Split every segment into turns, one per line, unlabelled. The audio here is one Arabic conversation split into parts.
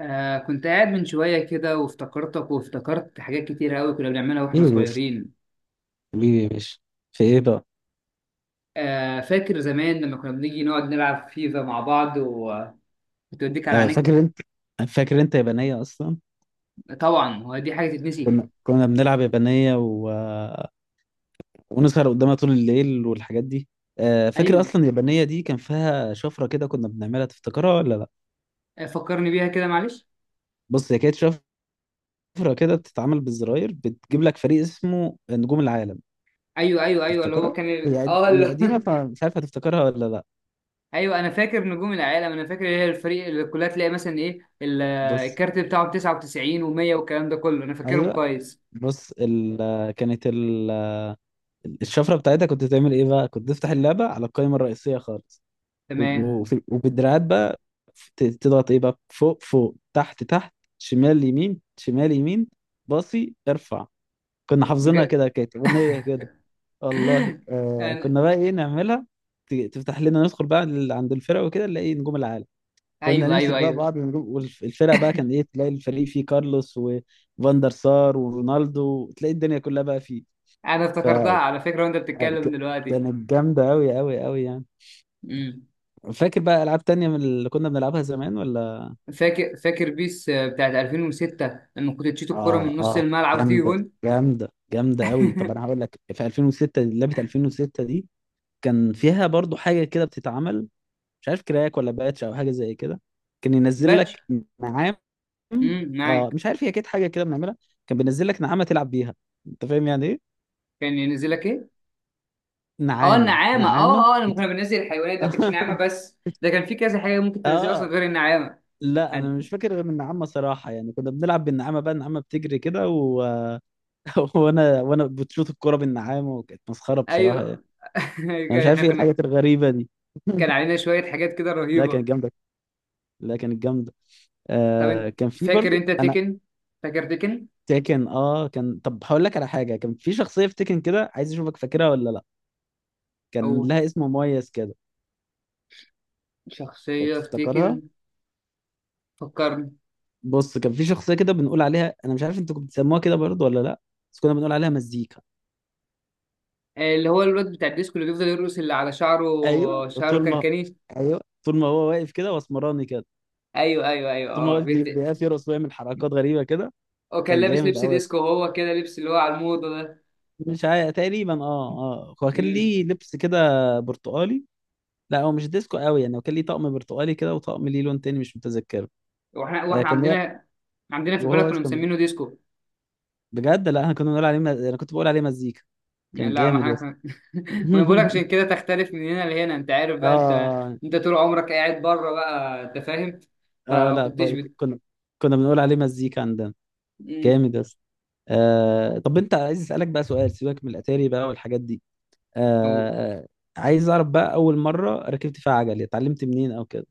كنت قاعد من شوية كده، وافتكرتك وافتكرت حاجات كتير أوي كنا بنعملها
ايه
وإحنا
يا باشا.
صغيرين.
حبيبي يا باشا. في ايه بقى؟
فاكر زمان لما كنا بنيجي نقعد نلعب فيفا مع بعض، وتوديك على عينيك.
فاكر انت، فاكر انت يابانية اصلا.
طبعا هو دي حاجة تتنسي؟
كنا بنلعب يابانية ونسهر قدامها طول الليل والحاجات دي. فاكر
أيوه.
اصلا اليابانية دي كان فيها شفرة كده كنا بنعملها، تفتكرها ولا لا؟
فكرني بيها كده، معلش.
بص، هي كانت شفرة كده بتتعمل بالزراير، بتجيب لك فريق اسمه نجوم العالم.
أيوه أيوه أيوه، اللي هو
تفتكرها؟
كان
هي قد- هي قديمة، فمش عارف هتفتكرها ولا لا.
أيوه، أنا فاكر نجوم العالم. أنا فاكر إيه الفريق اللي كلها، تلاقي مثلا إيه
بص،
الكارت بتاعه 99 و100 والكلام ده كله، أنا فاكرهم
ايوه.
كويس.
بص ال... كانت ال... الشفرة بتاعتها كنت تعمل ايه بقى؟ كنت تفتح اللعبة على القائمة الرئيسية خالص، و-
تمام.
وفي وبالدراعات بقى تضغط ايه بقى؟ فوق فوق تحت تحت شمال يمين شمال يمين باصي ارفع. كنا حافظينها
بجد.
كده، كانت اغنيه كده. والله
أنا...
كنا بقى ايه نعملها، تفتح لنا ندخل بقى عند الفرق وكده نلاقي نجوم العالم. كنا
أيوه
نمسك
أيوه
بقى
أيوه،
بعض النجوم، والفرق بقى كان ايه، تلاقي الفريق فيه كارلوس وفاندر سار ورونالدو، تلاقي الدنيا كلها بقى فيه.
انا
ف
افتكرتها على فكره وانت بتتكلم دلوقتي.
كانت جامده قوي قوي قوي يعني.
امم.
فاكر بقى العاب تانية من اللي كنا بنلعبها زمان ولا؟
فاكر بيس، بتاعت 2006، لما كنت تشيط الكرة
اه
من نص
اه،
الملعب وتيجي
جامده
جون.
جامده جامده قوي. طب انا هقول لك، في 2006 لعبه 2006 دي كان فيها برضو حاجه كده بتتعمل، مش عارف كراك ولا باتش او حاجه زي كده، كان ينزل
باتش.
لك. نعام. اه
معاك.
مش عارف، هي كانت حاجه كده بنعملها، كان بينزل لك نعامه تلعب بيها. انت فاهم يعني ايه؟
كان ينزل لك ايه؟ اه،
نعامه،
النعامه.
نعامه.
اه اه، لما كنا بننزل الحيوانات ده ما كانتش نعامه، بس ده كان في كذا حاجه ممكن تنزلها اصلا
اه.
غير النعامه.
لا انا
هن-
مش فاكر غير النعامه صراحه، يعني كنا بنلعب بالنعامه بقى، النعامه بتجري كده و... وانا بتشوط الكوره بالنعامه، وكانت مسخره بصراحه.
ايوه.
انا مش
احنا
عارف ايه
كنا،
الحاجات الغريبه دي.
كان علينا شويه حاجات كده
لا
رهيبه.
كانت جامده، لا كانت جامده.
طب انت،
كان في
فاكر
برضو
انت
انا.
تيكن؟ فاكر تيكن؟
تيكن اه، كان، طب هقول لك على حاجه، كان في شخصيه في تيكن كده عايز اشوفك فاكرها ولا لا، كان
او
لها اسم مميز كده.
شخصيه في
تفتكرها؟
تيكن؟ فكرني.
بص كان في شخصيه كده بنقول عليها، انا مش عارف انتوا كنتوا بتسموها كده برضو ولا لا، بس كنا بنقول عليها مزيكا.
اللي هو الواد بتاع الديسكو، اللي بيفضل يرقص، اللي على شعره.
ايوه
شعره
طول
كان
ما،
كنيف.
ايوه طول ما هو واقف كده واسمراني كده،
ايوه ايوه ايوه
طول ما هو
اه
واقف بيقف يرقص ويعمل حركات غريبه كده.
هو كان
كان
لابس
جامد
لبس
قوي.
ديسكو، وهو كده لبس اللي هو على الموضه ده.
مش عارف تقريبا، اه اه، هو كان
امم.
ليه لبس كده برتقالي. لا هو مش ديسكو قوي يعني، هو كان ليه طقم برتقالي كده وطقم ليه لون تاني مش متذكره.
واحنا
آه
واحنا
كان لا-
عندنا في البلد
وهو
كنا
كان،
مسمينه ديسكو.
بجد لا احنا كنا بنقول عليه انا كنت بقول عليه مزيكا. كان
لا ما
جامد يا
احنا
اسطى.
ما أنا بقولك، عشان كده تختلف من هنا لهنا. انت عارف بقى، انت
اه
انت طول عمرك قاعد بره بقى، انت فاهم.
اه،
فما
لا
كنتش
برضه
بت...
كنا، كنا بنقول عليه مزيكا عندنا.
امم.
جامد يا اسطى. آه طب، انت عايز اسالك بقى سؤال، سيبك من الاتاري بقى والحاجات دي.
أوه.
آه آه، عايز اعرف بقى، اول مره ركبت فيها عجل اتعلمت منين او كده؟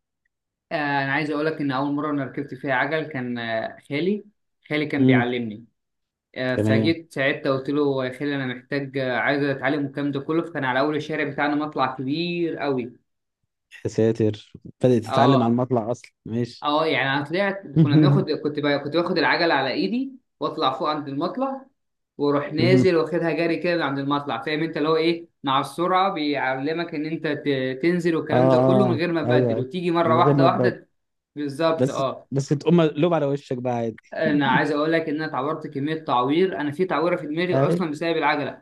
انا عايز اقول لك ان اول مره انا ركبت فيها عجل كان، خالي. خالي كان
امم.
بيعلمني.
تمام.
فجيت ساعتها قلت له: يا خالي انا محتاج، عايز اتعلم الكلام ده كله. فكان على اول الشارع بتاعنا مطلع كبير قوي.
يا ساتر، بدأت تتعلم على
اه.
المطلع اصلا؟ ماشي.
اه يعني انا طلعت، كنا بناخد كنت بقى كنت باخد العجله على ايدي واطلع فوق عند المطلع، واروح
مهم.
نازل واخدها جري كده من عند المطلع. فاهم انت اللي هو ايه، مع السرعه بيعلمك ان انت تنزل
اه
والكلام ده كله، من
اه
غير ما
ايوه،
تبدل
أيوة.
وتيجي مره
من غير
واحده
ما تبدأ،
واحده. بالظبط،
بس
اه.
بس تقوم مقلوب على وشك بقى عادي.
انا عايز اقول لك ان انا اتعورت كميه تعوير. انا في تعويره في دماغي
ايوه.
اصلا بسبب العجله.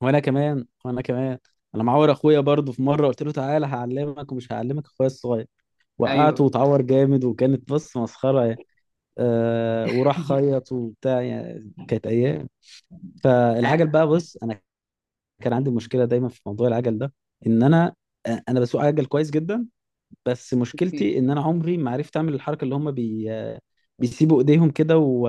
وانا كمان. انا معور اخويا برضه، في مره قلت له تعالى هعلمك، ومش هعلمك اخويا الصغير، وقعته
ايوه.
وتعور جامد، وكانت بص مسخره يعني. وراح خيط وبتاع، يعني كانت ايام.
آه،
فالعجل بقى، بص انا كان عندي مشكله دايما في موضوع العجل ده، ان انا، انا بسوق عجل كويس جدا، بس مشكلتي ان انا عمري ما عرفت اعمل الحركه اللي هم بيسيبوا ايديهم كده و...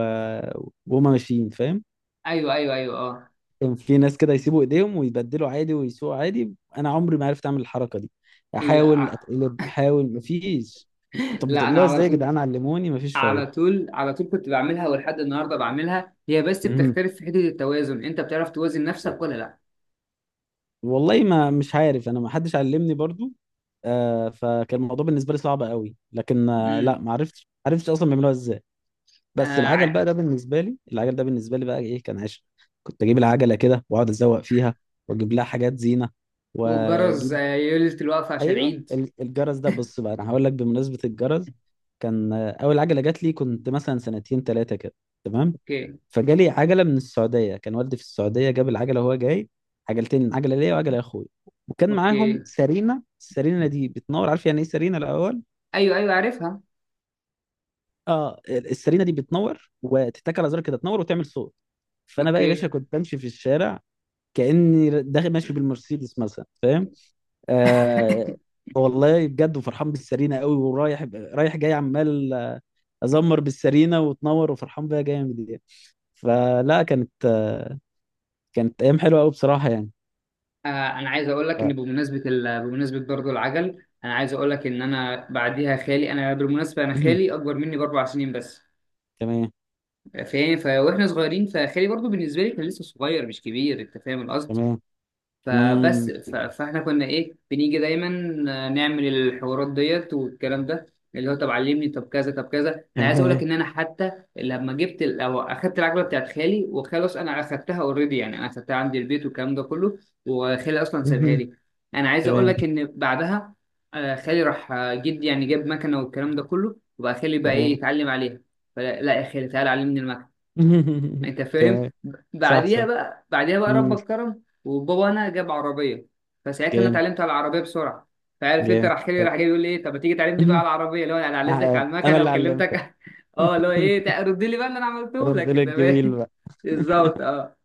وهم ماشيين، فاهم؟
ايوه ايوه ايوه اه.
كان في ناس كده يسيبوا ايديهم ويبدلوا عادي ويسوقوا عادي، انا عمري ما عرفت اعمل الحركه دي، احاول
لا،
اتقلب احاول مفيش. طب
لا انا
بتعملوها
على
ازاي يا
طول.
جدعان؟ علموني، مفيش
على
فايده.
طول على طول كنت بعملها، ولحد النهارده بعملها. هي بس
مهم.
بتختلف في حته التوازن. انت بتعرف توازن نفسك ولا لا؟
والله ما مش عارف، انا ما حدش علمني برضو. آه فكان الموضوع بالنسبه لي صعب قوي، لكن آه لا
امم.
ما عرفتش، عرفتش اصلا بيعملوها ازاي. بس
آه
العجل بقى
ع-
ده بالنسبه لي، العجل ده بالنسبه لي بقى ايه، كان عشق. كنت اجيب العجله كده واقعد ازوق فيها، واجيب لها حاجات زينه،
والجرس،
واجيب،
ليله الوقفه عشان
ايوه
العيد.
الجرس ده، بص بقى انا هقول لك بمناسبه الجرس. كان اول عجله جات لي كنت مثلا سنتين ثلاثه كده. تمام.
اوكي.
فجالي عجله من السعوديه، كان والدي في السعوديه جاب العجله وهو جاي، عجلتين، عجله ليا وعجله لاخويا، وكان معاهم
اوكي.
سرينه، السرينه دي بتنور، عارف يعني ايه سرينه الاول؟
ايوه ايوه، عارفها.
اه السرينه دي بتنور وتتك على زرار كده، تنور وتعمل صوت. فانا بقى يا
اوكي.
باشا كنت بمشي في الشارع كاني داخل ماشي بالمرسيدس مثلا، فاهم؟ آه والله بجد، وفرحان بالسرينه قوي، ورايح رايح جاي عمال ازمر بالسرينه وتنور وفرحان بيها جامد يعني. فلا كانت آه، كانت ايام حلوه قوي بصراحه يعني.
آه انا عايز اقول لك
ف...
ان بمناسبه برضه العجل، انا عايز اقول لك ان انا بعديها خالي، انا بالمناسبه انا
مهم.
خالي اكبر مني باربع سنين بس.
تمام.
واحنا صغيرين، فخالي برضو بالنسبه لي كان لسه صغير مش كبير، انت فاهم القصد.
تمام. مم.
فاحنا كنا ايه، بنيجي دايما نعمل الحوارات ديت والكلام ده، اللي هو: طب علمني، طب كذا طب كذا. انا عايز اقول
تمام.
لك ان انا حتى لما جبت ال... او اخدت العجله بتاعت خالي وخلاص، انا اخدتها اوريدي يعني، انا اخدتها عندي البيت والكلام ده كله. وخالي اصلا سابها
مهم.
لي. انا عايز اقول
تمام.
لك ان بعدها، خالي راح، جدي يعني جاب مكنه والكلام ده كله، وبقى خالي بقى ايه
تمام.
يتعلم عليها. فلا لا يا خالي تعالى علمني المكنه، انت فاهم.
تمام. صح
بعديها
صح.
بقى،
مم.
ربك كرم وبابا انا جاب عربيه. فساعتها انا
جامد.
اتعلمت على العربيه بسرعه. فعارف انت،
جامد.
راح جاي راح جاي بيقول لي ايه: طب ما تيجي تعلمني بقى على العربيه، اللي هو انا علمتك
آه،
على
انا
المكنه
اللي علمتك.
وكلمتك. اه، اللي هو ايه، رد لي بقى اللي انا عملته
رد
لك،
لي
انت
الجميل
فاهم.
بقى.
بالظبط، اه.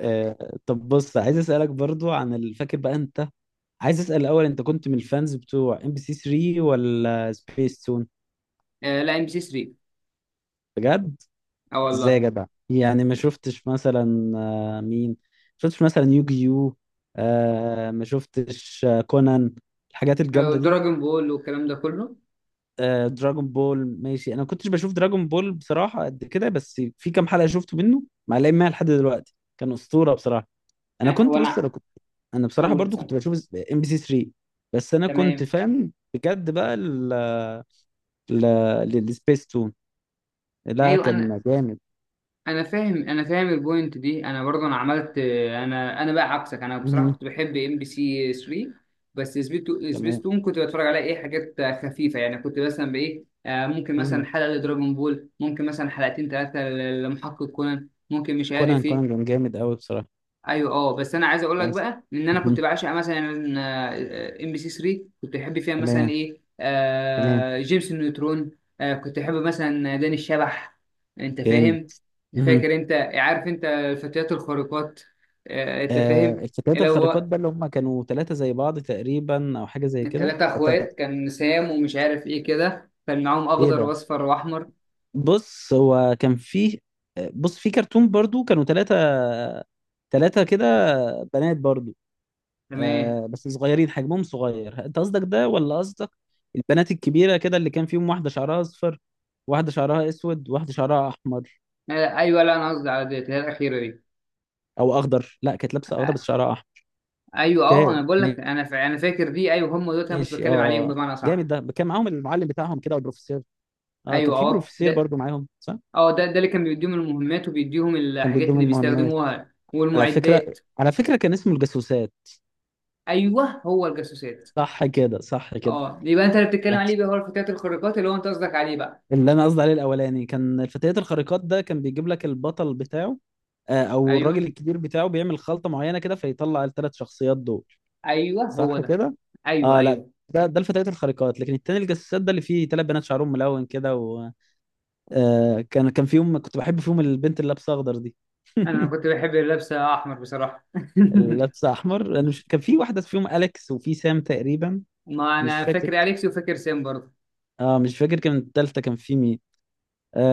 طب بص، عايز اسالك برضو عن فاكر بقى انت، عايز اسال الاول، انت كنت من الفانز بتوع ام بي سي 3 ولا سبيس تون؟
لا ام بي سي 3.
بجد؟
اه
ازاي يا
والله.
جدع؟ يعني ما شفتش مثلا مين، ما شفتش مثلا يوجيو؟ آه ما شفتش كونان؟ الحاجات الجامده دي.
دراجون بول والكلام ده كله.
آه دراجون بول، ماشي، انا ما كنتش بشوف دراجون بول بصراحه قد كده، بس في كام حلقه شفته منه معلقين معايا لحد دلوقتي، كان اسطوره بصراحه. انا كنت بص،
وانا
انا كنت، انا بصراحه
اول
برضو
سنه.
كنت بشوف ام بي سي 3، بس انا كنت
تمام.
فاهم بجد بقى ال ال السبيس تون، لا
ايوه انا،
كان جامد.
انا فاهم البوينت دي. انا برضه انا عملت، انا بقى عكسك، انا بصراحه
مهم.
كنت بحب ام بي سي 3. بس
تمام.
سبيستون كنت بتفرج على ايه، حاجات خفيفه يعني. كنت مثلا بايه، ممكن مثلا
مهم.
حلقه لدراجون بول، ممكن مثلا حلقتين ثلاثه لمحقق كونان، ممكن مش
كونان،
عارف ايه.
كونان كان جامد قوي بصراحه.
ايوه اه، بس انا عايز اقول لك
نايس.
بقى ان انا كنت
مهم.
بعشق مثلا، ام بي سي 3 كنت بحب فيها مثلا
تمام.
ايه،
تمام.
جيمس النيوترون. كنت بحب مثلا داني الشبح، انت
جامد.
فاهم.
مهم.
فاكر انت، عارف انت الفتيات الخارقات؟ انت
آه
فاهم.
الفتيات
اللي
الخارقات
هو
بقى، اللي هم كانوا ثلاثه زي بعض تقريبا او حاجه زي كده.
الثلاثه اخوات، كان سام ومش عارف ايه كده، كان معاهم
ايه
اخضر
ده؟
واصفر واحمر.
بص هو كان فيه، بص في كرتون برضو كانوا ثلاثة، ثلاثة كده، بنات برضو،
تمام.
آه بس صغيرين حجمهم صغير. انت قصدك ده ولا قصدك البنات الكبيرة كده اللي كان فيهم واحدة شعرها اصفر، واحدة شعرها اسود، واحدة شعرها احمر
آه، ايوه، لا انا قصدي على ديت، اللي هي الاخيره دي.
او اخضر؟ لا كانت لابسة اخضر
آه،
بس شعرها احمر.
ايوه اه،
اوكي
انا بقول لك، انا فاكر دي، ايوه هم دول، انا كنت
ماشي
بتكلم عليهم
اه،
بمعنى
جامد.
صح.
ده كان معاهم المعلم بتاعهم كده والبروفيسور. اه كان
ايوه
في
اه
بروفيسور
ده.
برضو معاهم صح،
اه، ده اللي كان بيديهم المهمات وبيديهم
كان
الحاجات
بيديهم
اللي
المهمات.
بيستخدموها
على فكرة،
والمعدات.
على فكرة كان اسمه الجاسوسات.
ايوه، هو الجاسوسات.
صح كده، صح كده.
اه، يبقى انت اللي بتتكلم عليه بقى هو الفتيات الخارقات، اللي هو انت قصدك عليه بقى.
اللي انا قصدي عليه الاولاني كان الفتيات الخارقات، ده كان بيجيب لك البطل بتاعه، او
ايوه
الراجل الكبير بتاعه بيعمل خلطة معينة كده فيطلع الثلاث شخصيات دول.
ايوه، هو
صح
ده.
كده.
ايوه
اه لا،
ايوه.
ده الفتيات الخارقات، لكن التاني الجساسات ده اللي فيه ثلاث بنات شعرهم ملون كده و، كان فيهم كنت بحب فيهم البنت اللي لابسه اخضر دي.
انا كنت بحب اللبسه احمر بصراحه.
اللي لابسه احمر، انا مش، كان في واحده فيهم اليكس وفي سام تقريبا.
ما
مش
انا
فاكر.
فاكر اليكس وفاكر سام برضه.
اه مش فاكر، كان التالتة كان في مين؟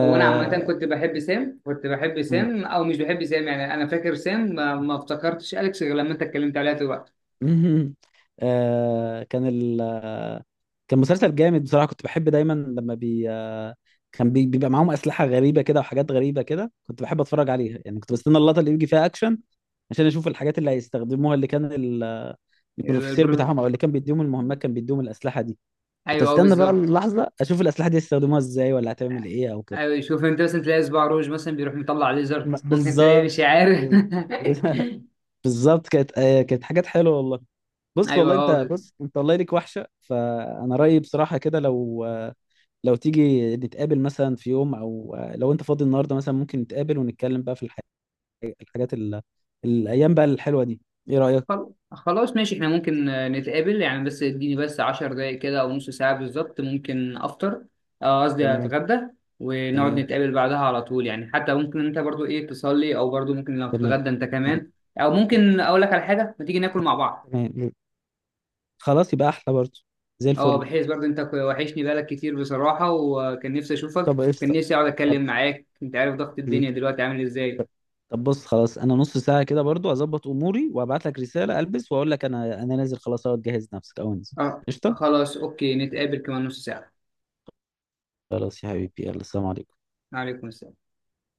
او انا عامه كنت بحب سام، كنت بحب سام او مش بحب سام يعني. انا فاكر سام، ما افتكرتش اليكس غير لما انت اتكلمت عليها دلوقتي.
مهم. آه كان ال آه، كان مسلسل جامد بصراحة، كنت بحب دايما لما بي آه كان بي بيبقى معاهم أسلحة غريبة كده وحاجات غريبة كده، كنت بحب أتفرج عليها، يعني كنت بستنى اللقطة اللي يجي فيها أكشن عشان أشوف الحاجات اللي هيستخدموها، اللي كان البروفيسور
البرو...
بتاعهم أو اللي كان بيديهم المهمات كان بيديهم الأسلحة دي. كنت
ايوه اه،
أستنى بقى
بالظبط.
اللحظة أشوف الأسلحة دي هيستخدموها إزاي ولا هتعمل إيه أو كده.
ايوه شوف انت، مثلا تلاقي صباع روج مثلا بيروح مطلع ليزر، ممكن تلاقي
بالظبط.
مش عارف.
بالظبط، كانت حاجات حلوة والله. بص
ايوه
والله انت،
اه.
بص انت والله ليك وحشه، فانا رايي بصراحه كده، لو، لو تيجي نتقابل مثلا في يوم، او لو انت فاضي النهارده مثلا ممكن نتقابل ونتكلم بقى في الحاجات ال... الايام بقى الحلوه دي، ايه رايك؟
خلاص، ماشي احنا ممكن، نتقابل يعني، بس اديني بس 10 دقايق كده او نص ساعة بالظبط، ممكن افطر، قصدي
تمام.
اتغدى. ونقعد
تمام.
نتقابل بعدها على طول يعني، حتى ممكن انت برضو ايه تصلي، او برضو ممكن لو
تمام.
تتغدى انت كمان. او ممكن اقول لك على حاجة، ما تيجي ناكل مع بعض.
تمام. خلاص يبقى احلى برضه، زي
اه،
الفل.
بحيث برضو انت وحشني بالك كتير بصراحة، وكان نفسي اشوفك،
طب
كان
قشطه.
نفسي اقعد اتكلم معاك. انت عارف ضغط
حبيبي.
الدنيا دلوقتي عامل ازاي.
طب بص خلاص، انا نص ساعه كده برضه اظبط اموري وابعت لك رساله البس واقول لك، انا نازل خلاص اهو، تجهز نفسك او انزل.
اه
قشطه.
خلاص، اوكي نتقابل كمان نص ساعة.
خلاص يا حبيبي، يلا سلام عليكم.
عليكم السلام.